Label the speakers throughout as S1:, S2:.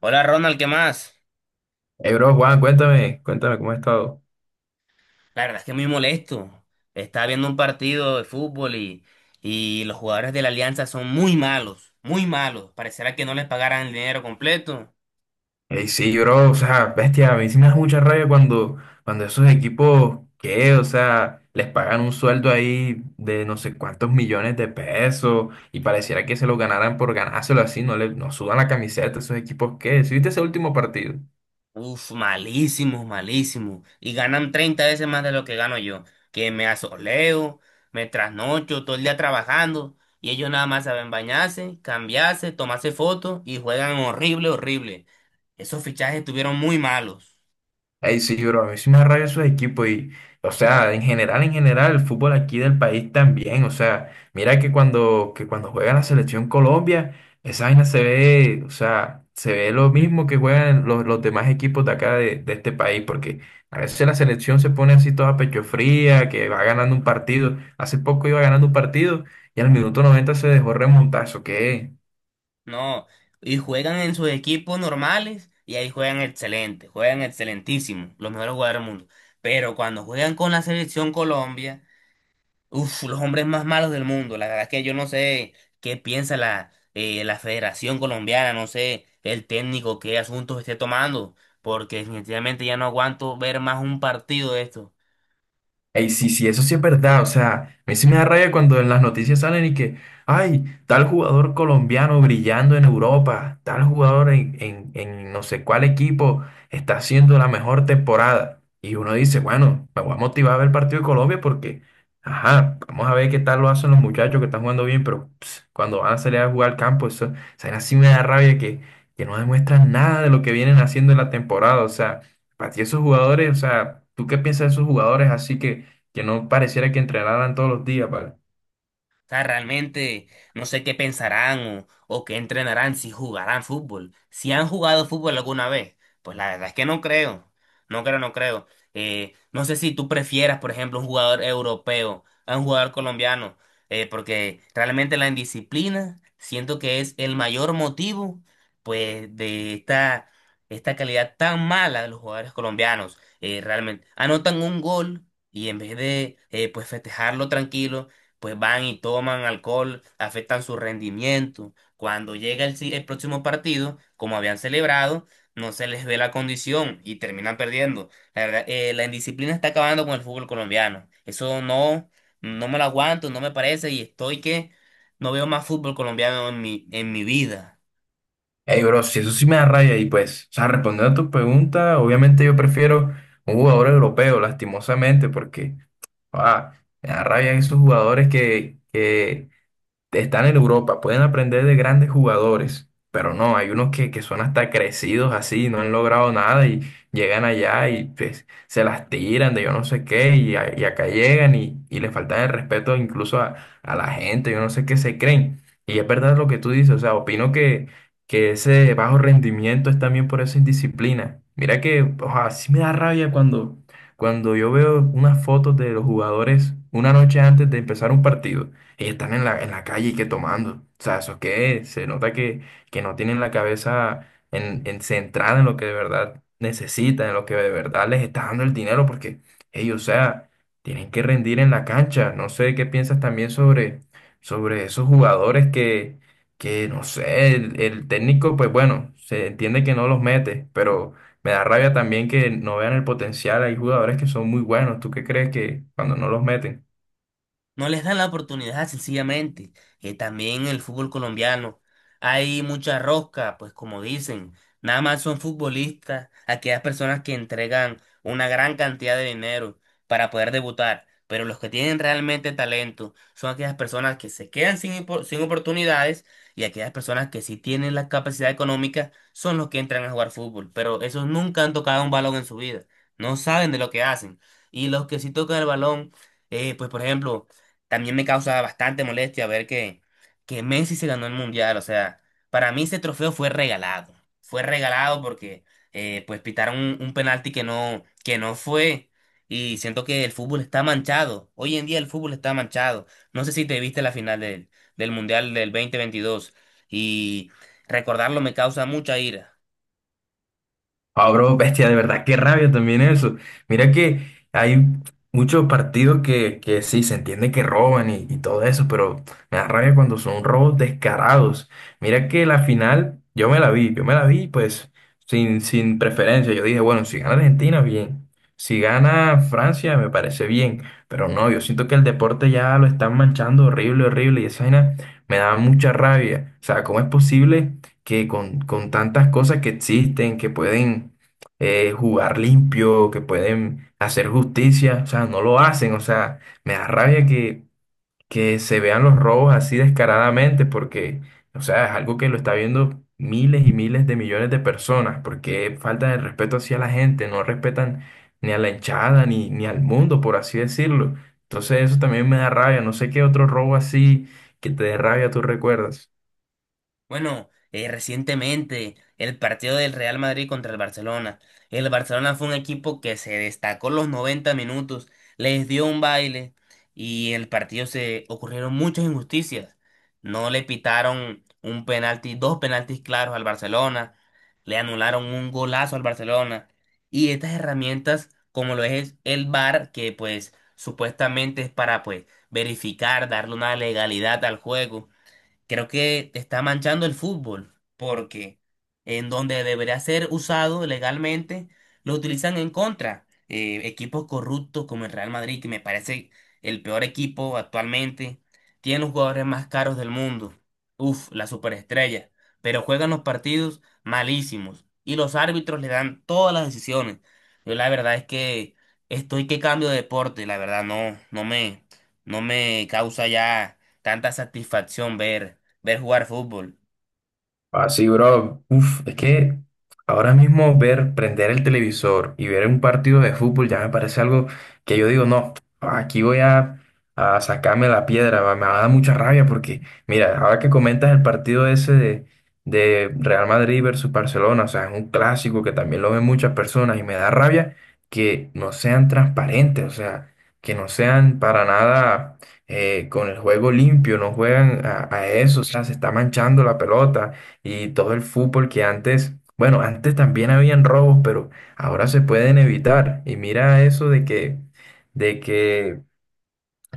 S1: Hola Ronald, ¿qué más?
S2: Hey, bro, Juan, cuéntame cómo has estado.
S1: La verdad es que muy molesto. Estaba viendo un partido de fútbol y los jugadores de la Alianza son muy malos, muy malos. Parecerá que no les pagaran el dinero completo.
S2: Hey, sí, bro, o sea, bestia, a mí sí me da mucha rabia cuando esos equipos, ¿qué? O sea, les pagan un sueldo ahí de no sé cuántos millones de pesos y pareciera que se lo ganaran por ganárselo así, no sudan la camiseta, esos equipos, ¿qué? ¿Sí viste ese último partido?
S1: Uf, malísimos, malísimos. Y ganan 30 veces más de lo que gano yo. Que me asoleo, me trasnocho todo el día trabajando y ellos nada más saben bañarse, cambiarse, tomarse fotos y juegan horrible, horrible. Esos fichajes estuvieron muy malos.
S2: Ay, sí, bro, a mí sí me da rabia esos equipos y, o sea, en general, el fútbol aquí del país también, o sea, mira que cuando juega la selección Colombia, esa vaina se ve, o sea, se ve lo mismo que juegan los demás equipos de acá de este país, porque a veces la selección se pone así toda pecho fría, que va ganando un partido, hace poco iba ganando un partido y al minuto 90 se dejó remontar, ¿eso qué es?
S1: No, y juegan en sus equipos normales y ahí juegan excelente, juegan excelentísimo, los mejores jugadores del mundo. Pero cuando juegan con la selección Colombia, uff, los hombres más malos del mundo. La verdad es que yo no sé qué piensa la, la Federación Colombiana, no sé el técnico qué asuntos esté tomando, porque definitivamente ya no aguanto ver más un partido de esto.
S2: Ey, sí, sí, eso sí es verdad. O sea, a mí sí me da rabia cuando en las noticias salen y que, ay, tal jugador colombiano brillando en Europa, tal jugador en no sé cuál equipo está haciendo la mejor temporada. Y uno dice, bueno, me voy a motivar a ver el partido de Colombia porque, ajá, vamos a ver qué tal lo hacen los muchachos que están jugando bien, pero ps, cuando van a salir a jugar al campo, eso, o sea, así me da rabia que no demuestran nada de lo que vienen haciendo en la temporada. O sea, para ti esos jugadores, o sea, ¿tú qué piensas de esos jugadores así que no pareciera que entrenaran todos los días, ¿vale?
S1: Sea, realmente no sé qué pensarán o qué entrenarán si jugarán fútbol. Si han jugado fútbol alguna vez, pues la verdad es que no creo. No creo, no creo. No sé si tú prefieras, por ejemplo, un jugador europeo a un jugador colombiano, porque realmente la indisciplina siento que es el mayor motivo, pues, esta calidad tan mala de los jugadores colombianos. Realmente anotan un gol y en vez de, pues, festejarlo tranquilo pues van y toman alcohol, afectan su rendimiento. Cuando llega el, el próximo partido, como habían celebrado, no se les ve la condición y terminan perdiendo. La verdad, la indisciplina está acabando con el fútbol colombiano. Eso no, no me lo aguanto, no me parece y estoy que no veo más fútbol colombiano en en mi vida.
S2: Ey, bro, si eso sí me da raya y pues, o sea, respondiendo a tu pregunta, obviamente yo prefiero un jugador europeo, lastimosamente, porque, ah, me da raya esos jugadores que están en Europa, pueden aprender de grandes jugadores, pero no, hay unos que son hasta crecidos así, no han logrado nada y llegan allá y pues, se las tiran de yo no sé qué y, y acá llegan y les faltan el respeto incluso a la gente, yo no sé qué se creen. Y es verdad lo que tú dices, o sea, opino que ese bajo rendimiento es también por esa indisciplina. Mira que, o sea, sí me da rabia cuando yo veo unas fotos de los jugadores una noche antes de empezar un partido ellos están en la calle y que tomando. O sea, eso es que se nota que no tienen la cabeza en centrada en lo que de verdad necesitan, en lo que de verdad les está dando el dinero, porque ellos, o sea, tienen que rendir en la cancha. No sé qué piensas también sobre, sobre esos jugadores que no sé, el técnico, pues bueno, se entiende que no los mete, pero me da rabia también que no vean el potencial. Hay jugadores que son muy buenos. ¿Tú qué crees que cuando no los meten?
S1: No les dan la oportunidad, sencillamente. También el fútbol colombiano. Hay mucha rosca, pues como dicen, nada más son futbolistas, aquellas personas que entregan una gran cantidad de dinero para poder debutar. Pero los que tienen realmente talento son aquellas personas que se quedan sin, sin oportunidades y aquellas personas que sí tienen la capacidad económica son los que entran a jugar fútbol. Pero esos nunca han tocado un balón en su vida. No saben de lo que hacen. Y los que sí tocan el balón, pues por ejemplo, también me causa bastante molestia ver que Messi se ganó el mundial. O sea, para mí ese trofeo fue regalado. Fue regalado porque pues pitaron un penalti que que no fue. Y siento que el fútbol está manchado. Hoy en día el fútbol está manchado. No sé si te viste la final del mundial del 2022. Y recordarlo me causa mucha ira.
S2: Ah, bro, bestia, de verdad, qué rabia también eso. Mira que hay muchos partidos que sí, se entiende que roban y todo eso, pero me da rabia cuando son robos descarados. Mira que la final, yo me la vi pues sin preferencia. Yo dije, bueno, si gana Argentina, bien. Si gana Francia, me parece bien. Pero no, yo siento que el deporte ya lo están manchando horrible, horrible, y esa vaina me da mucha rabia. O sea, ¿cómo es posible? Que con tantas cosas que existen, que pueden jugar limpio, que pueden hacer justicia, o sea, no lo hacen, o sea, me da rabia que se vean los robos así descaradamente, porque, o sea, es algo que lo está viendo miles y miles de millones de personas, porque falta de respeto hacia la gente, no respetan ni a la hinchada, ni al mundo, por así decirlo. Entonces eso también me da rabia, no sé qué otro robo así que te dé rabia tú recuerdas.
S1: Bueno, recientemente el partido del Real Madrid contra el Barcelona. El Barcelona fue un equipo que se destacó los 90 minutos, les dio un baile y en el partido se ocurrieron muchas injusticias. No le pitaron un penalti, dos penaltis claros al Barcelona, le anularon un golazo al Barcelona y estas herramientas como lo es el VAR que pues supuestamente es para pues verificar, darle una legalidad al juego creo que está manchando el fútbol, porque en donde debería ser usado legalmente, lo utilizan en contra. Equipos corruptos como el Real Madrid, que me parece el peor equipo actualmente, tiene los jugadores más caros del mundo. Uf, la superestrella. Pero juegan los partidos malísimos y los árbitros le dan todas las decisiones. Yo la verdad es que estoy que cambio de deporte, la verdad no, no me causa ya tanta satisfacción ver jugar fútbol.
S2: Así, bro. Uf, es que ahora mismo ver, prender el televisor y ver un partido de fútbol ya me parece algo que yo digo, no, aquí voy a sacarme la piedra, me va a dar mucha rabia porque, mira, ahora que comentas el partido ese de Real Madrid versus Barcelona, o sea, es un clásico que también lo ven muchas personas y me da rabia que no sean transparentes, o sea, que no sean para nada con el juego limpio, no juegan a eso, o sea, se está manchando la pelota y todo el fútbol que antes, bueno, antes también habían robos, pero ahora se pueden evitar. Y mira eso de que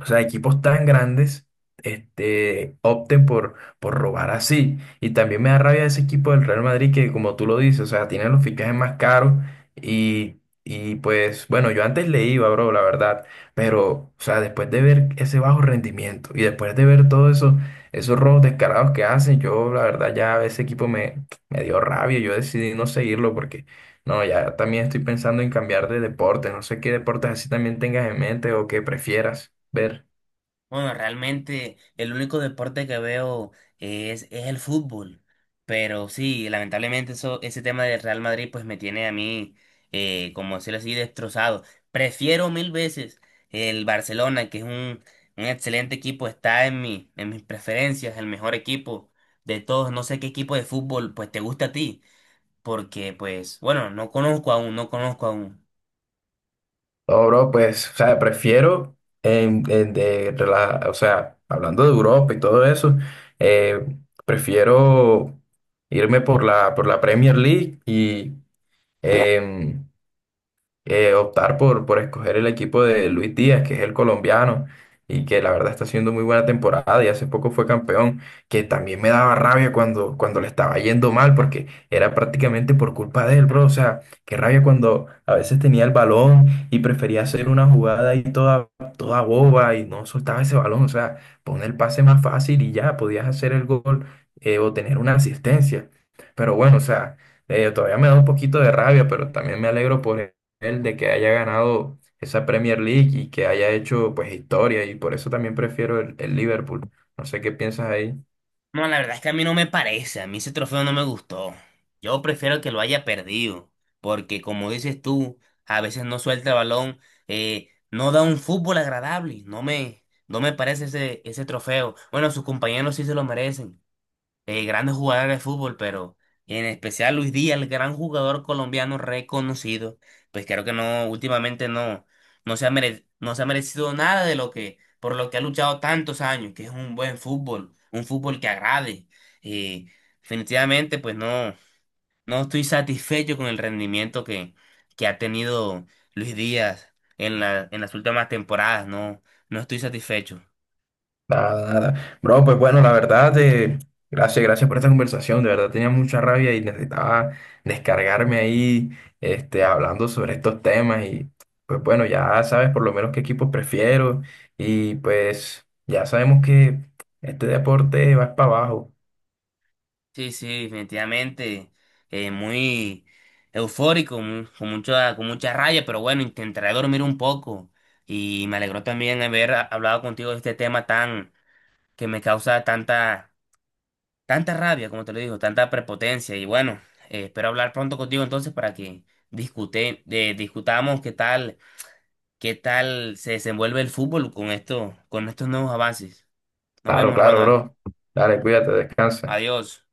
S2: o sea, equipos tan grandes este, opten por robar así. Y también me da rabia ese equipo del Real Madrid que, como tú lo dices, o sea, tienen los fichajes más caros y, y pues, bueno, yo antes le iba, bro, la verdad, pero, o sea, después de ver ese bajo rendimiento y después de ver todo eso, esos robos descarados que hacen, yo, la verdad, ya ese equipo me, me dio rabia, yo decidí no seguirlo porque, no, ya también estoy pensando en cambiar de deporte, no sé qué deportes así también tengas en mente o que prefieras ver.
S1: Bueno, realmente el único deporte que veo es el fútbol. Pero sí, lamentablemente eso, ese tema del Real Madrid pues me tiene a mí, como decirlo así, destrozado. Prefiero mil veces el Barcelona, que es un excelente equipo, está en en mis preferencias, el mejor equipo de todos. No sé qué equipo de fútbol pues te gusta a ti, porque pues, bueno, no conozco aún, no conozco aún.
S2: No, bro, pues, o sea, prefiero, o sea, hablando de Europa y todo eso, eh, prefiero irme por la Premier League y, em, optar por escoger el equipo de Luis Díaz, que es el colombiano, y que la verdad está haciendo muy buena temporada y hace poco fue campeón, que también me daba rabia cuando le estaba yendo mal, porque era prácticamente por culpa de él, bro. O sea, qué rabia cuando a veces tenía el balón y prefería hacer una jugada ahí toda, toda boba y no soltaba ese balón. O sea, pon el pase más fácil y ya podías hacer el gol o tener una asistencia. Pero bueno, o sea todavía me da un poquito de rabia, pero también me alegro por él de que haya ganado esa Premier League y que haya hecho pues historia y por eso también prefiero el Liverpool. No sé qué piensas ahí.
S1: No, la verdad es que a mí no me parece, a mí ese trofeo no me gustó. Yo prefiero que lo haya perdido, porque como dices tú, a veces no suelta el balón, no da un fútbol agradable, no me parece ese, ese trofeo. Bueno, sus compañeros sí se lo merecen, de grandes jugadores de fútbol, pero en especial Luis Díaz, el gran jugador colombiano reconocido, pues creo que no, últimamente no, no se ha merecido nada de lo que, por lo que ha luchado tantos años, que es un buen fútbol, un fútbol que agrade. Y definitivamente, pues no, no estoy satisfecho con el rendimiento que ha tenido Luis Díaz en la, en las últimas temporadas, no, no estoy satisfecho.
S2: Nada, nada. Bro, pues bueno, la verdad, gracias por esta conversación. De verdad tenía mucha rabia y necesitaba descargarme ahí, este, hablando sobre estos temas y pues bueno, ya sabes por lo menos qué equipos prefiero y pues ya sabemos que este deporte va para abajo.
S1: Sí, sí, definitivamente. Eh, muy eufórico, con mucha raya, pero bueno, intentaré dormir un poco. Y me alegró también hablado contigo de este tema tan, que me causa tanta, tanta rabia, como te lo digo, tanta prepotencia. Y bueno, espero hablar pronto contigo entonces para que discutamos qué tal se desenvuelve el fútbol con esto, con estos nuevos avances. Nos
S2: Claro,
S1: vemos,
S2: claro,
S1: Ronald.
S2: bro. Dale, cuídate, descansa.
S1: Adiós.